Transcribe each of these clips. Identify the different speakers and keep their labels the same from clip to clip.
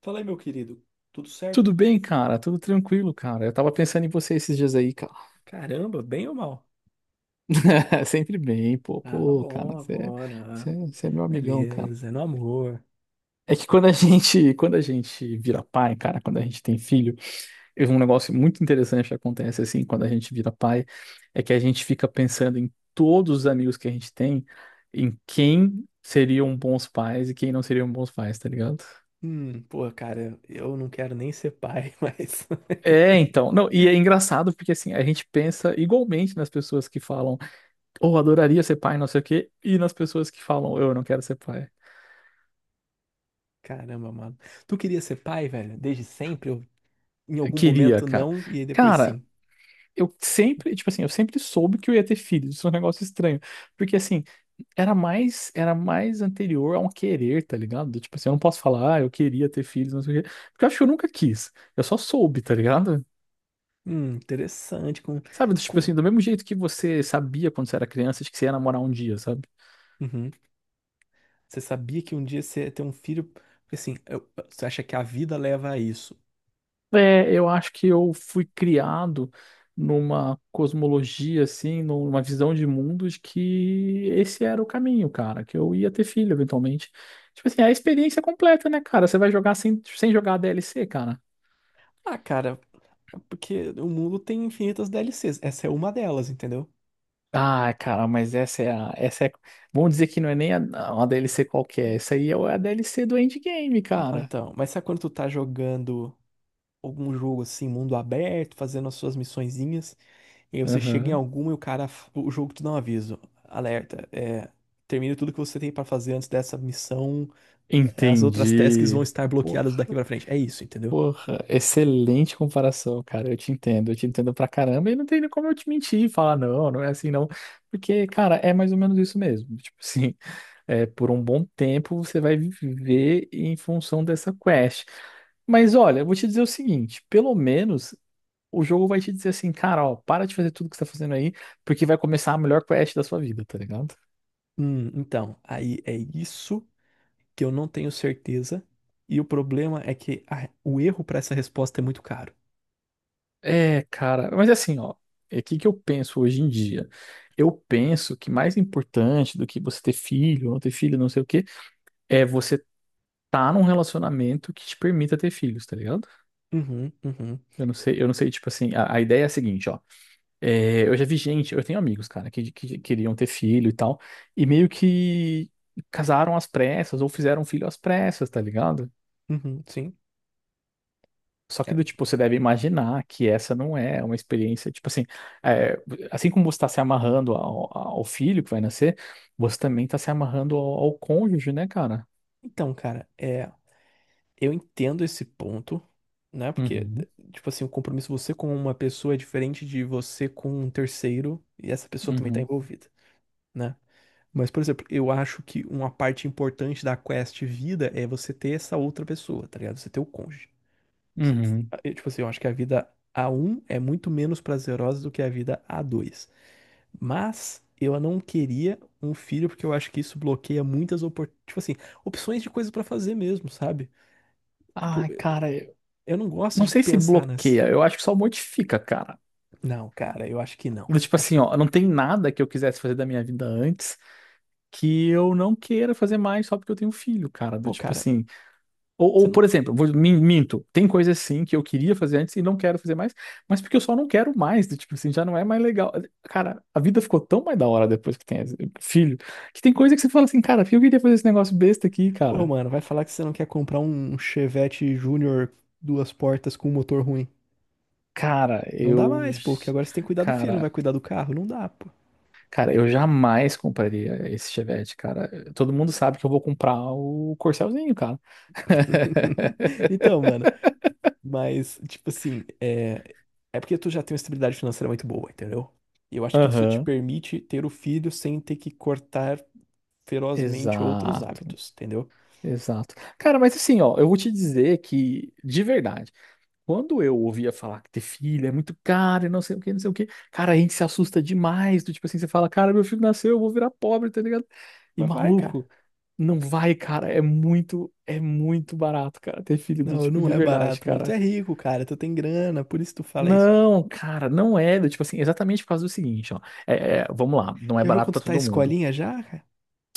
Speaker 1: Fala aí, meu querido. Tudo certo?
Speaker 2: Tudo bem, cara? Tudo tranquilo, cara. Eu tava pensando em você esses dias aí, cara.
Speaker 1: Caramba, bem ou mal?
Speaker 2: Sempre bem, pô,
Speaker 1: Ah, Bom.
Speaker 2: pô, cara,
Speaker 1: bom, ah,
Speaker 2: você
Speaker 1: bom, ah,
Speaker 2: você você é meu amigão, cara.
Speaker 1: beleza, no amor.
Speaker 2: É que quando a gente vira pai, cara, quando a gente tem filho, é um negócio muito interessante que acontece assim, quando a gente vira pai, é que a gente fica pensando em todos os amigos que a gente tem, em quem seriam bons pais e quem não seriam bons pais, tá ligado?
Speaker 1: Pô, cara, eu não quero nem ser pai, mas.
Speaker 2: É, então. Não, e é engraçado porque assim, a gente pensa igualmente nas pessoas que falam ou adoraria ser pai, não sei o quê, e nas pessoas que falam, eu não quero ser pai.
Speaker 1: Caramba, mano. Tu queria ser pai, velho? Desde sempre? Ou em algum
Speaker 2: Queria,
Speaker 1: momento
Speaker 2: cara.
Speaker 1: não, e aí depois
Speaker 2: Cara,
Speaker 1: sim.
Speaker 2: eu sempre, tipo assim, eu sempre soube que eu ia ter filhos, isso é um negócio estranho, porque assim, era mais anterior a um querer, tá ligado? Do tipo assim, eu não posso falar, ah, eu queria ter filhos, não sei o quê, porque eu acho que eu nunca quis, eu só soube, tá ligado?
Speaker 1: Interessante.
Speaker 2: Sabe, do tipo
Speaker 1: Com...
Speaker 2: assim, do mesmo jeito que você sabia quando você era criança de que você ia namorar um dia, sabe?
Speaker 1: Uhum. Você sabia que um dia você ia ter um filho? Porque assim, você acha que a vida leva a isso?
Speaker 2: É, eu acho que eu fui criado numa cosmologia, assim, numa visão de mundo de que esse era o caminho, cara, que eu ia ter filho eventualmente. Tipo assim, é a experiência completa, né, cara? Você vai jogar sem jogar a DLC, cara.
Speaker 1: Ah, cara, é porque o mundo tem infinitas DLCs. Essa é uma delas, entendeu?
Speaker 2: Ah, cara, mas essa é, vamos dizer que não é nem a, uma DLC qualquer, essa aí é a DLC do endgame,
Speaker 1: Não,
Speaker 2: cara.
Speaker 1: então, mas sabe quando tu tá jogando algum jogo assim, mundo aberto, fazendo as suas missõezinhas, e aí você chega em
Speaker 2: Aham.
Speaker 1: alguma e o jogo te dá um aviso, alerta, é, termine tudo que você tem pra fazer antes dessa missão. As outras tasks vão
Speaker 2: Entendi.
Speaker 1: estar bloqueadas
Speaker 2: Porra.
Speaker 1: daqui pra frente. É isso, entendeu?
Speaker 2: Porra, excelente comparação, cara. Eu te entendo pra caramba. E não tem nem como eu te mentir e falar, não, não é assim, não. Porque, cara, é mais ou menos isso mesmo. Tipo assim, é, por um bom tempo você vai viver em função dessa quest. Mas olha, eu vou te dizer o seguinte: pelo menos o jogo vai te dizer assim, cara, ó, para de fazer tudo que você tá fazendo aí, porque vai começar a melhor quest da sua vida, tá ligado?
Speaker 1: Então, aí é isso que eu não tenho certeza. E o problema é que o erro pra essa resposta é muito caro.
Speaker 2: É, cara, mas assim, ó, é o que que eu penso hoje em dia? Eu penso que mais importante do que você ter filho, ou não ter filho, não sei o quê, é você tá num relacionamento que te permita ter filhos, tá ligado?
Speaker 1: Uhum, uhum,
Speaker 2: Eu não sei, tipo assim, a ideia é a seguinte, ó, é, eu já vi gente, eu tenho amigos, cara, que queriam ter filho e tal, e meio que casaram às pressas, ou fizeram filho às pressas, tá ligado?
Speaker 1: uhum, sim.
Speaker 2: Só que
Speaker 1: É.
Speaker 2: do tipo, você deve imaginar que essa não é uma experiência, tipo assim, é, assim como você está se amarrando ao filho que vai nascer, você também está se amarrando ao cônjuge, né, cara?
Speaker 1: Então, cara, é. Eu entendo esse ponto, né? Porque,
Speaker 2: Uhum,
Speaker 1: tipo assim, o compromisso você com uma pessoa é diferente de você com um terceiro e essa pessoa também tá
Speaker 2: uhum,
Speaker 1: envolvida, né? Mas, por exemplo, eu acho que uma parte importante da quest vida é você ter essa outra pessoa, tá ligado? Você ter o cônjuge. Você-
Speaker 2: uhum.
Speaker 1: eu, tipo assim, eu acho que a vida a um é muito menos prazerosa do que a vida a dois. Mas eu não queria um filho porque eu acho que isso bloqueia muitas oportunidades, tipo assim, opções de coisas pra fazer mesmo, sabe? Tipo
Speaker 2: Ai, cara, eu
Speaker 1: Eu não gosto
Speaker 2: não
Speaker 1: de
Speaker 2: sei se
Speaker 1: pensar nas.
Speaker 2: bloqueia, eu acho que só modifica, cara.
Speaker 1: Não, cara, eu acho que não.
Speaker 2: Do tipo
Speaker 1: Eu acho
Speaker 2: assim,
Speaker 1: que
Speaker 2: ó, não tem nada que eu quisesse fazer da minha vida antes que eu não queira fazer mais só porque eu tenho um filho, cara. Do
Speaker 1: pô,
Speaker 2: tipo
Speaker 1: cara,
Speaker 2: assim, ou,
Speaker 1: você
Speaker 2: por
Speaker 1: não.
Speaker 2: exemplo, minto, tem coisas sim que eu queria fazer antes e não quero fazer mais, mas porque eu só não quero mais, do tipo assim, já não é mais legal. Cara, a vida ficou tão mais da hora depois que tem filho, que tem coisa que você fala assim, cara, eu queria fazer esse negócio besta aqui,
Speaker 1: Pô,
Speaker 2: cara.
Speaker 1: mano, vai falar que você não quer comprar um Chevette Júnior duas portas com um motor ruim.
Speaker 2: Cara,
Speaker 1: Não dá
Speaker 2: eu.
Speaker 1: mais, pô, porque agora você tem que cuidar do filho, não vai
Speaker 2: Cara,
Speaker 1: cuidar do carro. Não dá, pô.
Speaker 2: eu jamais compraria esse Chevette, cara. Todo mundo sabe que eu vou comprar o Corcelzinho, cara.
Speaker 1: Então, mano, mas, tipo assim, é. É porque tu já tem uma estabilidade financeira muito boa, entendeu? E eu acho que isso te
Speaker 2: Aham.
Speaker 1: permite ter o filho sem ter que cortar ferozmente outros
Speaker 2: Exato,
Speaker 1: hábitos, entendeu?
Speaker 2: exato. Cara, mas assim, ó, eu vou te dizer que, de verdade, quando eu ouvia falar que ter filho é muito caro e não sei o que, não sei o que, cara, a gente se assusta demais. Do tipo assim, você fala, cara, meu filho nasceu, eu vou virar pobre, tá ligado? E
Speaker 1: Mas vai, cara.
Speaker 2: maluco, não vai, cara. É muito barato, cara, ter filho do
Speaker 1: Não,
Speaker 2: tipo
Speaker 1: não
Speaker 2: de
Speaker 1: é
Speaker 2: verdade,
Speaker 1: barato, mano. Tu é
Speaker 2: cara.
Speaker 1: rico, cara. Tu tem grana, por isso tu fala isso.
Speaker 2: Não, cara, não é. Do tipo assim, exatamente por causa do seguinte, ó. É, vamos lá, não é
Speaker 1: Já viu
Speaker 2: barato pra
Speaker 1: quanto tá a
Speaker 2: todo mundo.
Speaker 1: escolinha já, cara?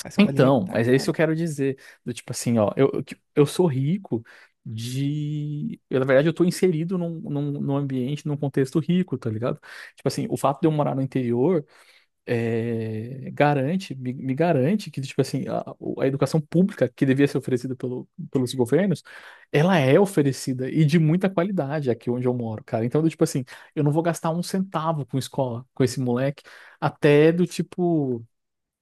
Speaker 1: A escolinha
Speaker 2: Então,
Speaker 1: tá
Speaker 2: mas é isso que eu
Speaker 1: cara, pô.
Speaker 2: quero dizer. Do tipo assim, ó, eu sou rico de. Eu, na verdade, eu tô inserido num ambiente, num contexto rico, tá ligado? Tipo assim, o fato de eu morar no interior é, garante, me garante que, tipo assim, a educação pública que devia ser oferecida pelos governos, ela é oferecida e de muita qualidade aqui onde eu moro, cara. Então, do tipo assim, eu não vou gastar um centavo com escola, com esse moleque, até do tipo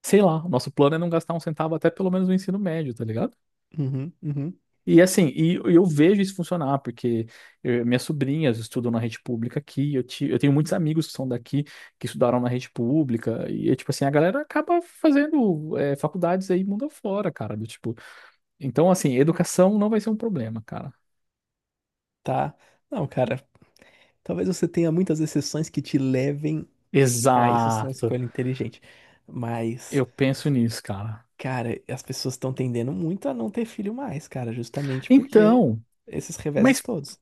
Speaker 2: sei lá, o nosso plano é não gastar um centavo até pelo menos no ensino médio, tá ligado?
Speaker 1: Uhum, uhum.
Speaker 2: E assim, e eu vejo isso funcionar, porque eh, minhas sobrinhas estudam na rede pública aqui, eu tenho muitos amigos que são daqui, que estudaram na rede pública, e é tipo assim, a galera acaba fazendo eh, faculdades aí mundo afora, cara, do tipo, então assim, educação não vai ser um problema, cara.
Speaker 1: Tá. Não, cara. Talvez você tenha muitas exceções que te levem a isso ser uma
Speaker 2: Exato,
Speaker 1: escolha inteligente. Mas,
Speaker 2: eu penso nisso, cara.
Speaker 1: cara, as pessoas estão tendendo muito a não ter filho mais, cara, justamente porque
Speaker 2: Então,
Speaker 1: esses reveses
Speaker 2: mas
Speaker 1: todos.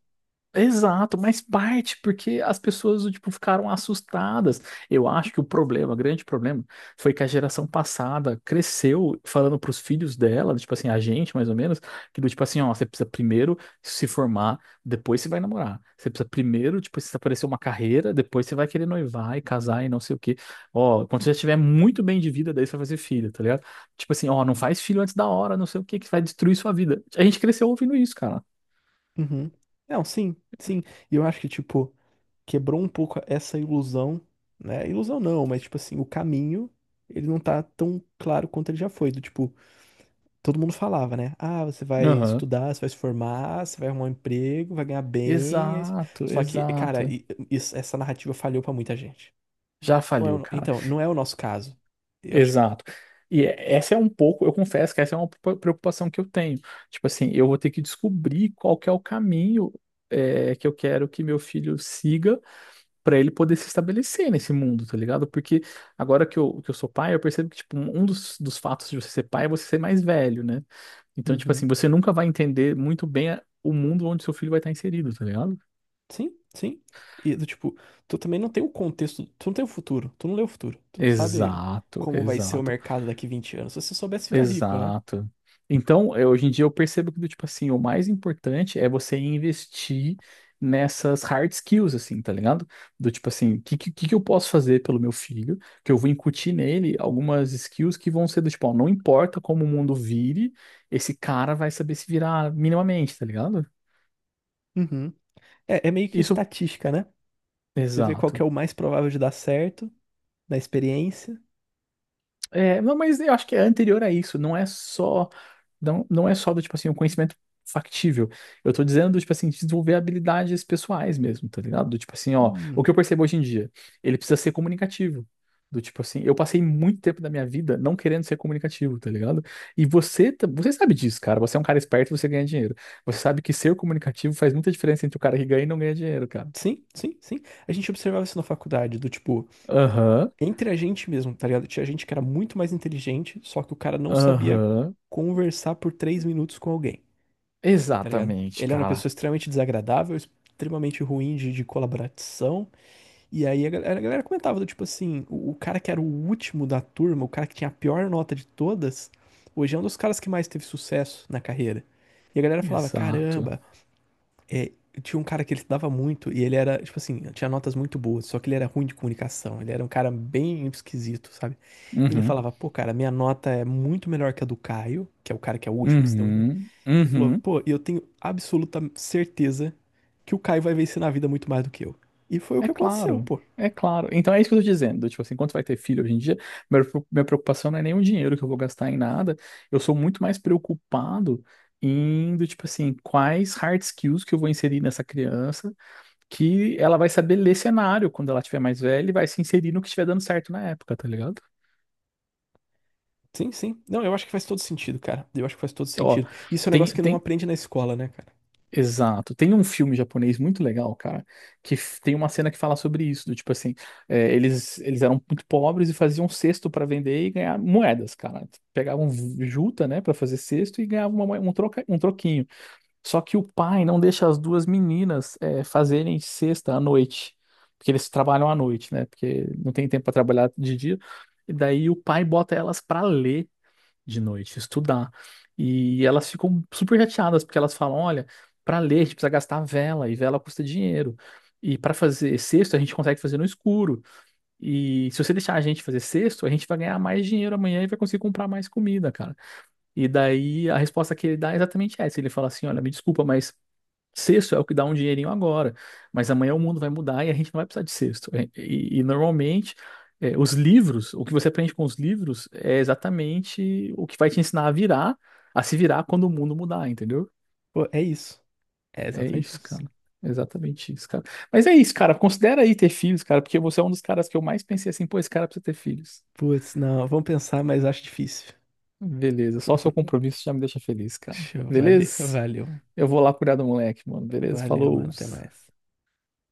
Speaker 2: exato, mas parte porque as pessoas tipo ficaram assustadas. Eu acho que o problema, o grande problema, foi que a geração passada cresceu falando para os filhos dela, tipo assim, a gente mais ou menos, que do tipo assim, ó, você precisa primeiro se formar, depois você vai namorar. Você precisa primeiro, tipo, se aparecer uma carreira, depois você vai querer noivar e casar e não sei o quê. Ó, quando você já tiver muito bem de vida, daí você vai fazer filho, tá ligado? Tipo assim, ó, não faz filho antes da hora, não sei o quê, que vai destruir sua vida. A gente cresceu ouvindo isso, cara.
Speaker 1: Uhum. Não, sim, sim. E eu acho que, tipo, quebrou um pouco essa ilusão, né? Ilusão não, mas tipo assim, o caminho, ele não tá tão claro quanto ele já foi. Do tipo, todo mundo falava, né? Ah, você vai
Speaker 2: Aham.
Speaker 1: estudar, você vai se formar, você vai arrumar um emprego, vai ganhar bem.
Speaker 2: Exato,
Speaker 1: Só que, cara,
Speaker 2: exato.
Speaker 1: essa narrativa falhou pra muita gente.
Speaker 2: Já faliu, cara.
Speaker 1: Então, não é o nosso caso. Eu acho que
Speaker 2: Exato. E é- essa é um pouco, eu confesso que essa é uma preocupação que eu tenho. Tipo assim, eu vou ter que descobrir qual que é o caminho é, que eu quero que meu filho siga para ele poder se estabelecer nesse mundo, tá ligado? Porque agora que eu sou pai, eu percebo que tipo, um dos fatos de você ser pai é você ser mais velho, né? Então, tipo assim,
Speaker 1: uhum.
Speaker 2: você nunca vai entender muito bem o mundo onde seu filho vai estar inserido, tá ligado?
Speaker 1: Sim, sim. E do tipo, tu também não tem o contexto, tu não tem o futuro, tu não lê o futuro, tu não sabe
Speaker 2: Exato,
Speaker 1: como vai ser o
Speaker 2: exato.
Speaker 1: mercado daqui 20 anos. Se você soubesse ficar rico, né?
Speaker 2: Exato. Então, eh, hoje em dia eu percebo que, do tipo assim, o mais importante é você investir nessas hard skills, assim, tá ligado? Do tipo assim, que eu posso fazer pelo meu filho? Que eu vou incutir nele algumas skills que vão ser do tipo, ó, não importa como o mundo vire, esse cara vai saber se virar minimamente, tá ligado?
Speaker 1: Uhum. É, é meio que
Speaker 2: Isso,
Speaker 1: estatística, né? Você vê qual que
Speaker 2: exato.
Speaker 1: é o mais provável de dar certo na experiência.
Speaker 2: É, não, mas eu acho que é anterior a isso, não é só do tipo assim, o conhecimento factível. Eu tô dizendo do tipo assim, desenvolver habilidades pessoais mesmo, tá ligado? Do tipo assim, ó, o
Speaker 1: Hum,
Speaker 2: que eu percebo hoje em dia, ele precisa ser comunicativo. Do tipo assim, eu passei muito tempo da minha vida não querendo ser comunicativo, tá ligado? E você, você sabe disso, cara. Você é um cara esperto, e você ganha dinheiro. Você sabe que ser comunicativo faz muita diferença entre o cara que ganha e não ganha dinheiro, cara.
Speaker 1: Sim, sim, sim. A gente observava isso na faculdade, do tipo,
Speaker 2: Aham,
Speaker 1: entre a gente mesmo, tá ligado? Tinha gente que era muito mais inteligente, só que o cara não sabia
Speaker 2: aham.
Speaker 1: conversar por 3 minutos com alguém, tá ligado?
Speaker 2: Exatamente,
Speaker 1: Ele era uma pessoa
Speaker 2: cara.
Speaker 1: extremamente desagradável, extremamente ruim de colaboração. E aí a galera comentava do tipo assim, o cara que era o último da turma, o cara que tinha a pior nota de todas, hoje é um dos caras que mais teve sucesso na carreira. E a galera falava,
Speaker 2: Exato.
Speaker 1: caramba, é, tinha um cara que ele estudava muito e ele era, tipo assim, tinha notas muito boas, só que ele era ruim de comunicação, ele era um cara bem esquisito, sabe? Ele
Speaker 2: Uhum.
Speaker 1: falava, pô, cara, minha nota é muito melhor que a do Caio, que é o cara que é o último que se deu muito bem.
Speaker 2: Uhum,
Speaker 1: Ele falou,
Speaker 2: uhum.
Speaker 1: pô, eu tenho absoluta certeza que o Caio vai vencer na vida muito mais do que eu. E foi o
Speaker 2: É
Speaker 1: que aconteceu,
Speaker 2: claro,
Speaker 1: pô.
Speaker 2: é claro. Então é isso que eu tô dizendo. Tipo assim, quando vai ter filho hoje em dia, minha preocupação não é nem o dinheiro que eu vou gastar em nada. Eu sou muito mais preocupado em, do tipo assim, quais hard skills que eu vou inserir nessa criança, que ela vai saber ler cenário quando ela tiver mais velha e vai se inserir no que estiver dando certo na época, tá ligado?
Speaker 1: Sim, sim. Não, eu acho que faz todo sentido, cara. Eu acho que faz todo
Speaker 2: Ó,
Speaker 1: sentido. Isso é um negócio que não
Speaker 2: tem,
Speaker 1: aprende na escola, né, cara?
Speaker 2: exato. Tem um filme japonês muito legal, cara, que tem uma cena que fala sobre isso, do tipo assim, é, eles eram muito pobres e faziam cesto pra vender e ganhar moedas, cara. Pegavam juta, né, pra fazer cesto e ganhavam um troca, um troquinho. Só que o pai não deixa as duas meninas é, fazerem cesta à noite, porque eles trabalham à noite, né? Porque não tem tempo pra trabalhar de dia. E daí o pai bota elas pra ler de noite, estudar. E elas ficam super chateadas, porque elas falam: olha, para ler a gente precisa gastar vela, e vela custa dinheiro. E para fazer cesto a gente consegue fazer no escuro. E se você deixar a gente fazer cesto a gente vai ganhar mais dinheiro amanhã e vai conseguir comprar mais comida, cara. E daí a resposta que ele dá é exatamente essa. Ele fala assim: olha, me desculpa, mas. Sexto é o que dá um dinheirinho agora, mas amanhã o mundo vai mudar e a gente não vai precisar de sexto. E, normalmente, é, os livros, o que você aprende com os livros é exatamente o que vai te ensinar a virar, a se virar quando o mundo mudar, entendeu?
Speaker 1: Pô, é isso. É
Speaker 2: É
Speaker 1: exatamente
Speaker 2: isso,
Speaker 1: isso.
Speaker 2: cara. É exatamente isso, cara. Mas é isso, cara. Considera aí ter filhos, cara, porque você é um dos caras que eu mais pensei assim, pô, esse cara precisa ter filhos.
Speaker 1: Putz, não, vamos pensar, mas acho difícil.
Speaker 2: Beleza, só o seu compromisso já me deixa feliz, cara.
Speaker 1: Show, valeu,
Speaker 2: Beleza?
Speaker 1: valeu,
Speaker 2: Eu vou lá cuidar do moleque, mano. Beleza?
Speaker 1: valeu, mano.
Speaker 2: Falou.
Speaker 1: Até mais.